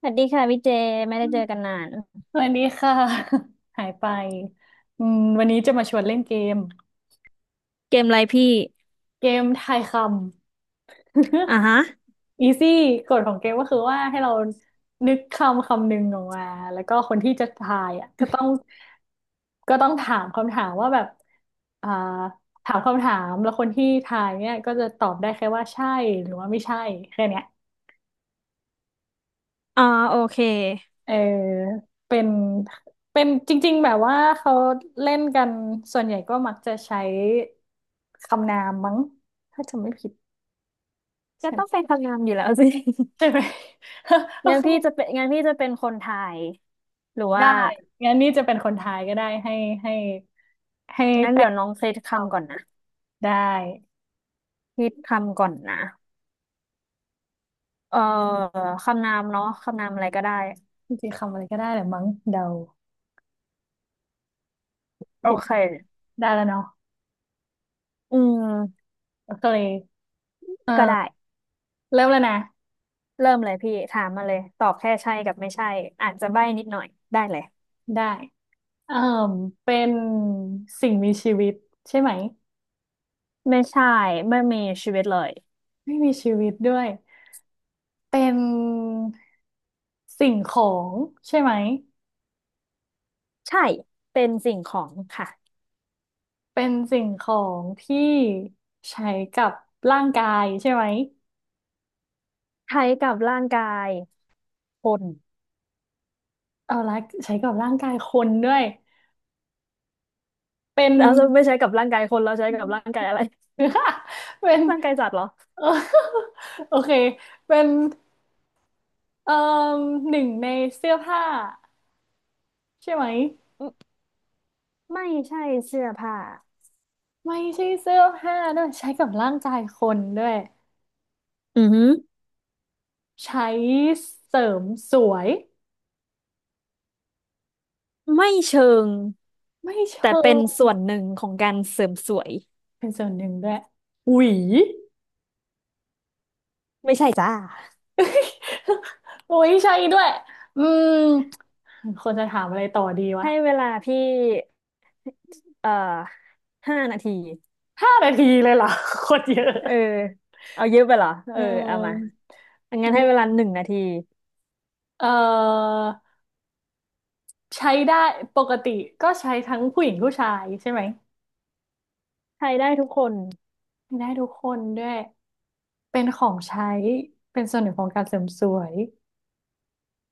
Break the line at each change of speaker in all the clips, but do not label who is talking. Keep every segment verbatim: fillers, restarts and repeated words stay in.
สวัสดีค่ะพี่เจไม่ได้เจอกันนาน
สวัสดีค่ะ หายไปอืมวันนี้จะมาชวนเล่นเกม
เกมอะไรพี่
เกมทายคำ
อ่าฮะ
อีซี่กฎของเกมก็คือว่าให้เรานึกคำคำหนึ่งออกมาแล้วก็คนที่จะทายอ่ะก็ต้องก็ต้องถามคำถามว่าแบบอ่าถามคำถามแล้วคนที่ทายเนี่ยก็จะตอบได้แค่ว่าใช่หรือว่าไม่ใช่แค่เนี้ย
อ่าโอเค
เออเป็นเป็นจริงๆแบบว่าเขาเล่นกันส่วนใหญ่ก็มักจะใช้คำนามมั้งถ้าจำไม่ผิด
ก็
ใช่ไห
ต้อง
ม
เป็นคำนามอยู่แล้วสิ
ใช่ไหม โอ
งั้น
เค
พี่จะเป็นงั้นพี่จะเป็นคนทายหรือ
ได้
ว่า
งั้นนี่จะเป็นคนทายก็ได้ให้ให้ให้
งั้น
แป้
เดี๋ย
ง
วน้องเซต
ตอบ
คำก่อนนะ
ได้
คิดคำก่อนนะเอ่อคำนามเนาะคำนามอะไรก็ได้
จริงๆคำอะไรก็ได้แหละมั้งเดา
โอ
คิด
เค
ได้แล้วเนาะ
อืม
โอเค
ก็ได้
เออเริ่มแล้วนะ
เริ่มเลยพี่ถามมาเลยตอบแค่ใช่กับไม่ใช่อาจจะใบ้นิดหน่อยได้เลย
ได้เออเป็นสิ่งมีชีวิตใช่ไหม
ไม่ใช่ไม่มีชีวิตเลย
ไม่มีชีวิตด้วย เป็นสิ่งของใช่ไหม
ใช่เป็นสิ่งของค่ะ
เป็นสิ่งของที่ใช้กับร่างกายใช่ไหม
ใช้กับร่างกาย คน
เอาละใช้กับร่างกายคนด้วยเป็น
เ้าจะไม่ใช้กับร่างกายคนเราใช้กับร่างกายอะไร
เป็น
ร่างกายสัตว์เหรอ
เออโอเคเป็นเอ่อหนึ่งในเสื้อผ้าใช่ไหม
อืมไม่ใช่เสื้อผ้า
ไม่ใช่เสื้อผ้าด้วยใช้กับร่างกายคนด้วย
อือหือ
ใช้เสริมสวย
ไม่เชิง
ไม่
แต่
เชิ
เป็นส่
ง
วนหนึ่งของการเสริมสวย
เป็นส่วนหนึ่งด้วยหวี
ไม่ใช่จ้า
โอ้ยใช่ด้วยอืมควรจะถามอะไรต่อดีวะ
ให้เวลาพี่เอ่อห้านาที
ห้านาทีเลยเหรอ โคตรเยอะ
เออเอาเยอะไปเหรอ
เ
เออเอามา
อออื
งั้นให้เว
ม
ลาหนึ่งนาที
เออใช้ได้ปกติก็ใช้ทั้งผู้หญิงผู้ชายใช่ไหม
ใช้ได้ทุกคน
ได้ทุกคนด้วยเป็นของใช้เป็นส่วนหนึ่งของการเสริมสวย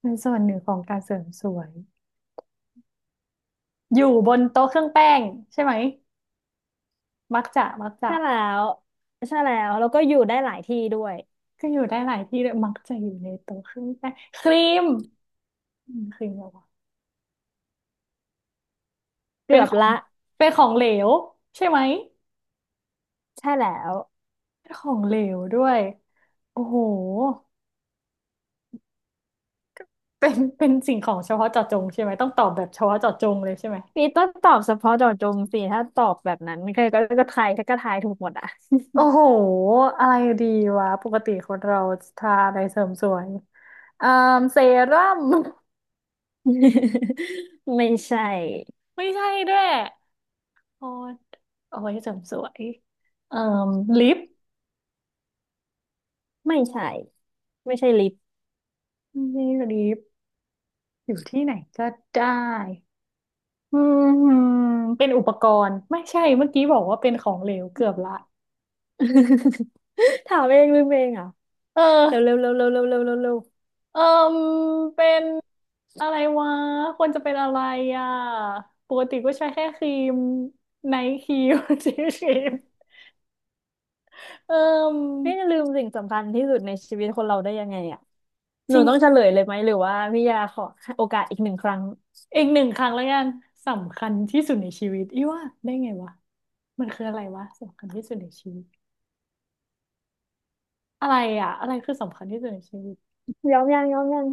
เป็นส่วนหนึ่งของการเสริมสวยอยู่บนโต๊ะเครื่องแป้งใช่ไหมมักจะมักจะ
ใช่แล้วใช่แล้วแล้วก็อยู่ได้หลายที่ด้วย
ก็อยู่ได้หลายที่เลยมักจะอยู่ในโต๊ะเครื่องแป้งครีมอืมครีม เป็
เกื
น
อบ
ของ
ละ
เป็นของเหลวใช่ไหม
ใช่แล้ว
เป็นของเหลวด้วยโอ้โหเป็นเป็นสิ่งของเฉพาะเจาะจงใช่ไหมต้องตอบแบบเฉพาะเจาะจงเลยใช่ไหม
พีต้องตอบเฉพาะเจาะจงสิถ้าตอบแบบนั้นใครก็ก็ทายก็ทายถูกหมดอ่ะ
โอ้โหอะไรดีวะปกติคนเราทาอะไรเสริมสวยอ่าเซรั่ม
ไม่ใช่
ไม่ใช่ด้วยโอ้ยเอาไว้เสริมสวยเอ่อลิป
ไม่ใช่ไม่ใช่ลิฟต์
ไม่ใช่ลิปอยู่ที่ไหนก็ได้อืมเป็นอุปกรณ์ไม่ใช่เมื่อกี้บอกว่าเป็นของเหลวเกือบละ
ถามเองลืมเองเหรอ่ะ
เอ
เร็วเร็
อ
วเร็วเร็วเร็วเร็วเร็วเร็ว
เออเป็นอะไรวะควรจะเป็นอะไรอ่ะปกติก็ใช้แค่ครีมไนท์ครีม ชีสครีมเออ
ไม่จะลืมสิ่งสำคัญที่สุดในชีวิตคนเราได้ยังไงอ่ะห
จ
นู
ริง
ต้องเฉลยเลยไหมหรือว่าพี่ยาขอโอกาสอีกหนึ่งครั้ง
อีกหนึ่งครั้งแล้วกันสำคัญที่สุดในชีวิตอีว่าได้ไงวะมันคืออะไรวะสำคัญที่สุดในชีวิตอะไรอ่ะอะไรคือสำคัญที่สุดในชีวิต
ยอมยังยอมยัง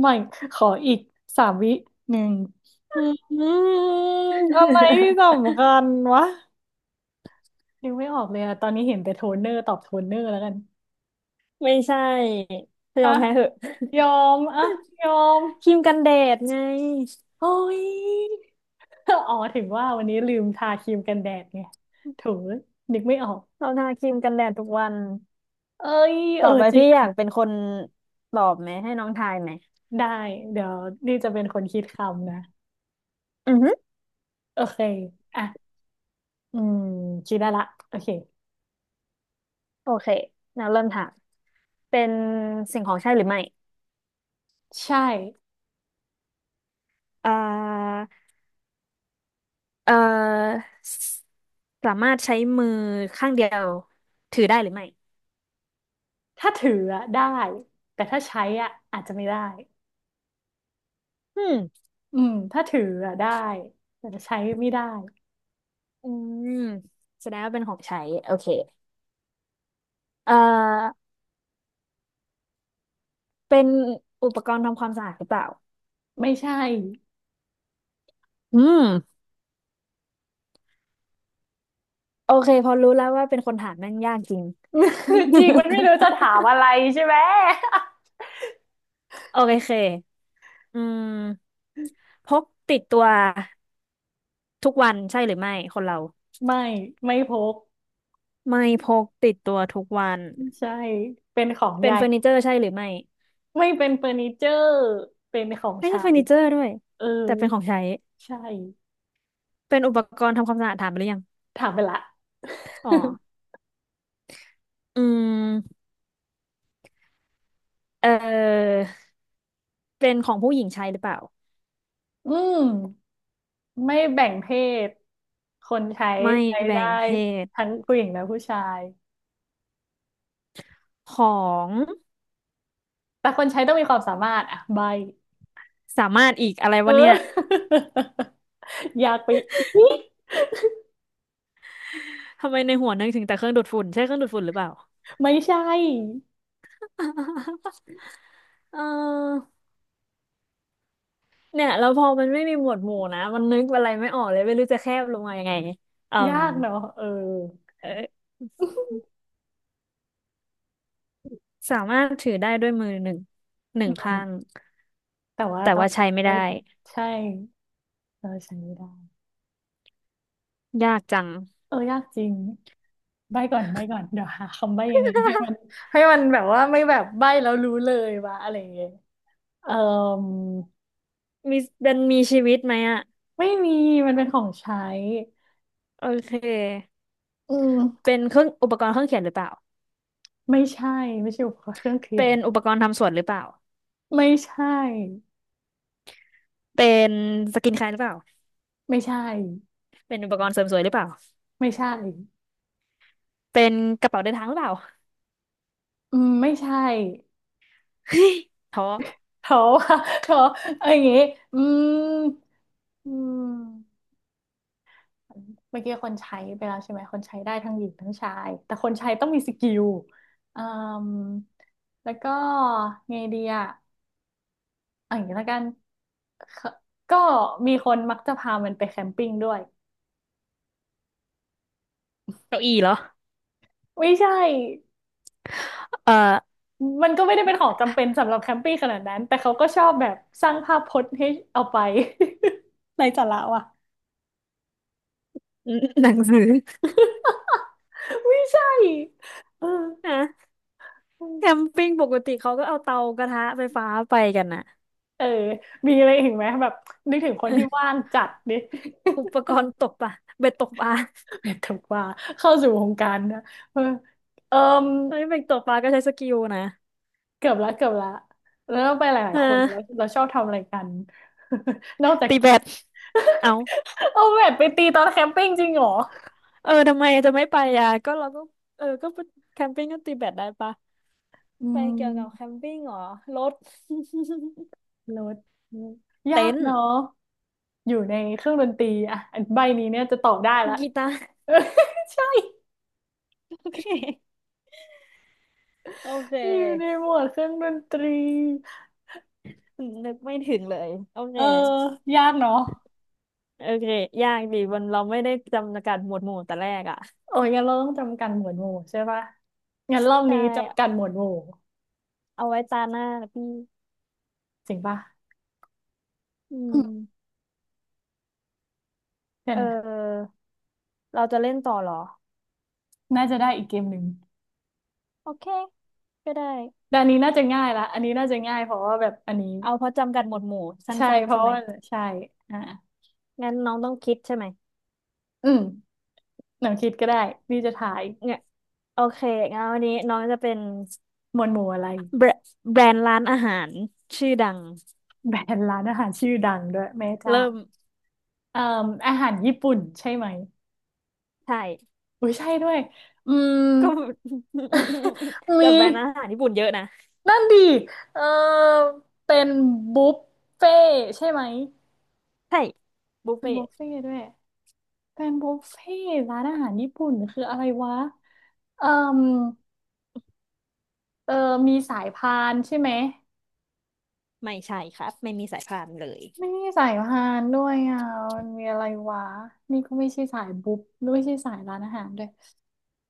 ไม่ขออีกสามวิหนึ่งอืมอะไรที่ สำคัญวะนึกไม่ออกเลยอะตอนนี้เห็นแต่โทนเนอร์ตอบโทนเนอร์แล้วกัน
ไม่ใช่ย
อ่ะ
อมแพ้เหอะ
ยอมอ่ะยอม
ครีมกันแดดไง
เฮ้ย อ๋อถึงว่าวันนี้ลืมทาครีมกันแดดไงโถูนึกไม่ออก
เราทาครีมกันแดดทุกวัน
เอ้ยเอ
ต่อ
อ
ไป
จริ
พี่
ง
อยากเป็นคนตอบไหมให้น้องทายไหม
ได้เดี๋ยวนี่จะเป็นคนคิดคำนะ
อือฮึ
โอเคอ่ะอืมคิดได้ละโอเค
โอเคเราเริ่มถามเป็นสิ่งของใช่หรือไม่
ใช่
อ่าเอ่อสสามารถใช้มือข้างเดียวถือได้หรือไม่
ถ้าถืออะได้แต่ถ้าใช้อะอาจจะไม่ได้
อืม
อืมถ้าถืออะได้แต่ถ้าใช้ไม่ได้
อืมแสดงว่าเป็นของใช้โอเคเอ่อเป็นอุปกรณ์ทำความสะอาดหรือเปล่า
ไม่ใช่
อืมโอเคพอรู้แล้วว่าเป็นคนถามแม่งยากจริง
จริงมัน ไม่รู้จะถามอะไรใช่ไหม
โอเคอืมพกติดตัว ทุกวันใช่หรือไม่คนเรา
ไม่ไม่พก
ไม่พกติดตัวทุกวัน
ใช่เป็นของ
เป็น
ยาย
เฟอร์นิเจอร์ใช่หรือไม่
ไม่เป็นเฟอร์นิเจอร์เป็นของ
ไม่ใช่
ใช้
เฟอร์นิเจอร์ด้วย
เออ
แต่เป็นของใช้
ใช่
เป็นอุปกรณ์ทำความสะอาดถามไปหรือยัง
ถามไปละ
อ๋อ อืมเออเป็นของผู้หญิงใช้หรือเปล่า
อืมไม่แบ่งเพศคนใช้
ไม่
ใช้
แบ่
ได้
งเพศ
ทั้งผู้หญิงและผู้ชาย
ของ
แต่คนใช้ต้องมีความสามารถอ่ะใบ
สามารถอีกอะไร
เอ
วะเนี่ย
อ ยากไปอีก
ทำไมในหัวนึกถึงแต่เครื่องดูดฝุ่นใช่เครื่องดูดฝุ่นหรือเปล่า
ไม่ใช่
เออเนี่ยแล้วพอมันไม่มีหมวดหมู่นะมันนึกอะไรไม่ออกเลยไม่รู้จะแคบลงมายังไงอื
ยา
ม
กเนาะเออ
เออสามารถถือได้ด้วยมือหนึ่งหนึ่
อื
งข้า
ม
ง
แต่ว่า
แต่
ต้อง
ว่าใช้ไม่
ใช้
ได้
ใช่เราใช้ไม่ได้
ยากจัง
เออยากจริงใบก่อนใบก่อนเดี๋ยวหาคำใบยังไงให้มัน ให้มันแบบว่าไม่แบบใบแล้วรู้เลยวะอะไรอย่างเงี้ยเออ
มีเป็นมีชีวิตไหมอ่ะ
ไม่มีมันเป็นของใช้
โอเค
อืม
เป็นเครื่องอุปกรณ์เครื่องเขียนหรือเปล่า
ไม่ใช่ไม่ใช่อุปกรณ์เครื่องเขี
เป็
ยน
นอุปกรณ์ทำสวนหรือเปล่า
ไม่ใช่
เป็นสกินแคร์หรือเปล่า
ไม่ใช่
เป็นอุปกรณ์เสริมสวยหรือเปล่า
ไม่ใช่
เป็นกระเป๋าเดินทางหรือเปล่า
อืมไม่ใช่
เฮ้ยท้อ
เพราะว่า เพราะเอาอย่างงี้อืมอืม เมื่อกี้คนใช้ไปแล้วใช่ไหมคนใช้ได้ทั้งหญิงทั้งชายแต่คนใช้ต้องมีสกิลอืมแล้วก็ไงดีอะอาอย่างนี้ละกันก็ก็มีคนมักจะพามันไปแคมปิ้งด้วย
เก้าอี้เหรอ
ไม่ใช่
เอ่อ
มันก็ไม่ได้เป็นของจำเป็นสำหรับแคมปิ้งขนาดนั้นแต่เขาก็ชอบแบบสร้างภาพพจน์ให้เอาไป ในสาระว่ะ
หนังสือ
ไม่ใช่เออ
ฮะแคมปิ้งปกติเขาก็เอาเตากระทะไฟฟ้าไปกันนะ
เออมีอะไรอีกไหมแบบนึกถึงคนที่ว่า งจัดดิ
อุปกรณ์ตกปลาเบ็ดตกปลา
แต่ว่าเข้าสู่วงการนะเออเอม
เฮ้ยเป็นตกปลาก็ใช้สกิลนะ
เกือบละเกือบละแล้วเราไปหลายๆคนแล้ว
อะ
เราชอบทำอะไรกัน นอกจาก
ตีแบ
กิน
ดเอา
เอาแบดไปตีตอนแคมปิ้งจริงเหรอ
เออทำไมจะไม่ไปอ่ะก็เราก็เออก็ไปแคมปิ้งก็ตีแบดได้ปะ
อื
ไปเกี่ยวกับแค
ม
มปิ้งเหรอรถ
รถยา
เต็
ก
นท์
เนาะอยู่ในเครื่องดนตรีอ่ะอันใบนี้เนี่ยจะตอบได้ละ
กีตาร์
ใช่
โอเคโอเค
อยู่ในหมวดเครื่องดนตรี
นึกไม่ถึงเลยโอเค
เออยากเนาะ
โอเคยากดีมันเราไม่ได้จำกัดหมวดหมู่แต่แรกอ่ะ
โอ้ยงั้นเราต้องจำกัดหมวดหมู่ใช่ปะงั้นรอบ
ใช่
นี้จำกัดหมวดหมู่
เอาไว้ตาหน้านะพี่
จริงปะ
อื
อืม
ม
เดี๋ยว
เอ
นะ
อเราจะเล่นต่อเหรอ
น่าจะได้อีกเกมหนึ่ง
โอเคก็ได้
แต่อันนี้น่าจะง่ายละอันนี้น่าจะง่ายเพราะว่าแบบอันนี้
เอาเพราะจำกัดหมวดหมู่สั
ใช่
้น
เพ
ๆใช่
ราะ
ไหม
ว่าใช่อ่า
งั้นน้องต้องคิดใช่ไหม
อืมหนังคิดก็ได้นี่จะถ่าย
เนี่ยโอเคงั้นวันนี้น้องจะเป็น
หมวดหมู่อะไร
แบรแบรนด์ร้านอาหารชื่อดัง
แบรนด์ร้านอาหารชื่อดังด้วยแม่เจ้า
เริ่ม
เอ่มอาหารญี่ปุ่นใช่ไหม
ใช่
อุ้ยใช่ด้วยอืม
ก็
มี
แต่แบรนด์อาหารญี่ปุ่นเยอะนะ
นั่นดีเออเป็นบุฟเฟ่ใช่ไหม
ใช่บุฟ
เป็น
เฟ่
บุ
ต์
ฟเฟ่ด้วยเป็นบุฟเฟ่ร้านอาหารญี่ปุ่นคืออะไรวะ เอ่มเออมีสายพานใช่ไหม
ไม่ใช่ครับไม่มีสายพานเลย
ไม่มีสายพานด้วยอ่ะมันมีอะไรวะนี่ก็ไม่ใช่สายบุ๊บไม่ใช่สายร้านอาหารด้วย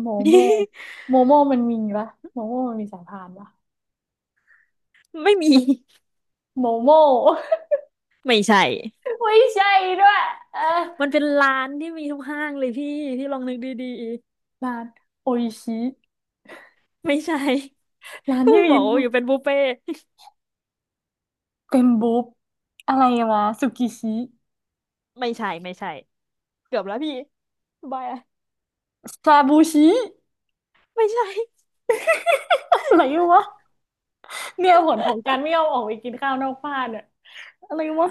โมโม โมโมมันมีปะโมโมมันมีสายพานปะ
ไม่มี
โมโม
ไม่ใช่
ไม่ใช่ด้วยเออ
มันเป็นร้านที่มีทุกห้างเลยพี่พี่ลองนึกดี
ร้านโออิชิ
ๆไม่ใช่
ร้าน
ก็
ที่
บ
มี
อกว่า
บุ๊
อ
บ
ยู่เป็นบุฟเฟ่ต์
เป็นบุ๊บอะไรวะสุกิชิ
ไม่ใช่ไม่ใช่เกือบแล้วพี่บาย
ซาบูชิ
ไม่ใช่
อะไรวะเนี่ยผลของการไม่ยอมออกไปกินข้าวนอกบ้านเนี่ยอะไรวะ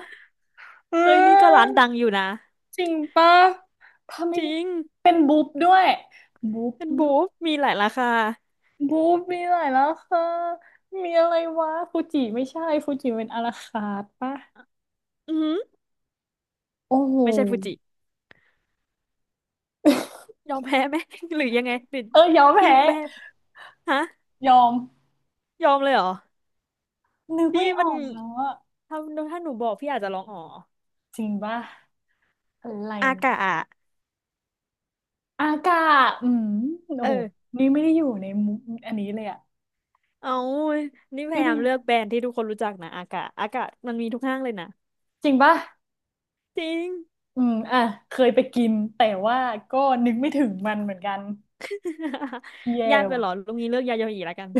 เออ
เอ้ยนี่ก็ร้านดังอยู่นะ
จริงปะถ้าไม่
จริง
เป็นบุ๊บด้วยบุ๊บ
เป็นบู
ด้วย
ฟมีหลายราคา
บุ๊บมีหลายราคามีอะไรวะฟูจิไม่ใช่ฟูจิเป็นอาราคาร์ทปะ
อือหือ
โอ้โห
ไม่ใช่ฟูจิยอมแพ้ไหม หรือยังไงหรือ
เออยอม
คือ
แพ้
แบรนด์ฮะ
ยอม
ยอมเลยเหรอ
นึก
พี่
ไม่อ
มัน
อกแล้วอะ
ถ้าถ้าหนูบอกพี่อาจจะร้องอ๋อ
จริงปะอะไร
อา
นะ
กะอะ
อากาศอืม
เอ
โอ้โห
อ
นี่ไม่ได้อยู่ในมุมอันนี้เลยอะ
เอานี่พ
ไม่
ยา
ได้
ยามเลือกแบรนด์ที่ทุกคนรู้จักนะอากะอากะมันมีทุกห้างเลยนะ
จริงปะ
จริง
อืมอ่ะเคยไปกินแต่ว่าก็นึกไม่ถึงมันเหมือนกันแย่
ยากไปเหรอลุงนี้เลือกยาโยออีแล้วกัน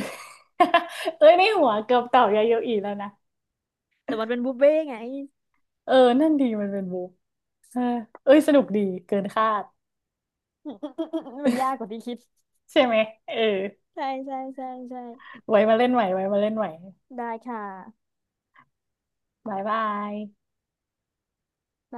เอ้ยในหัวเกือบเต่ายาโยอีแล้วนะ
แต่มันเป็นบุฟเฟ่ต์ไง
เออนั่นดีมันเป็นบุกเออเอ้ยสนุกดีเกินคาด
มันยากกว่าที่คิด
ใช่ไหมเออ
ใช่ใช่ใช่ใช่
ไว้มาเล่นใหม่ไว้มาเล่นใหม่
ได้ค่ะ
บายบาย
บาย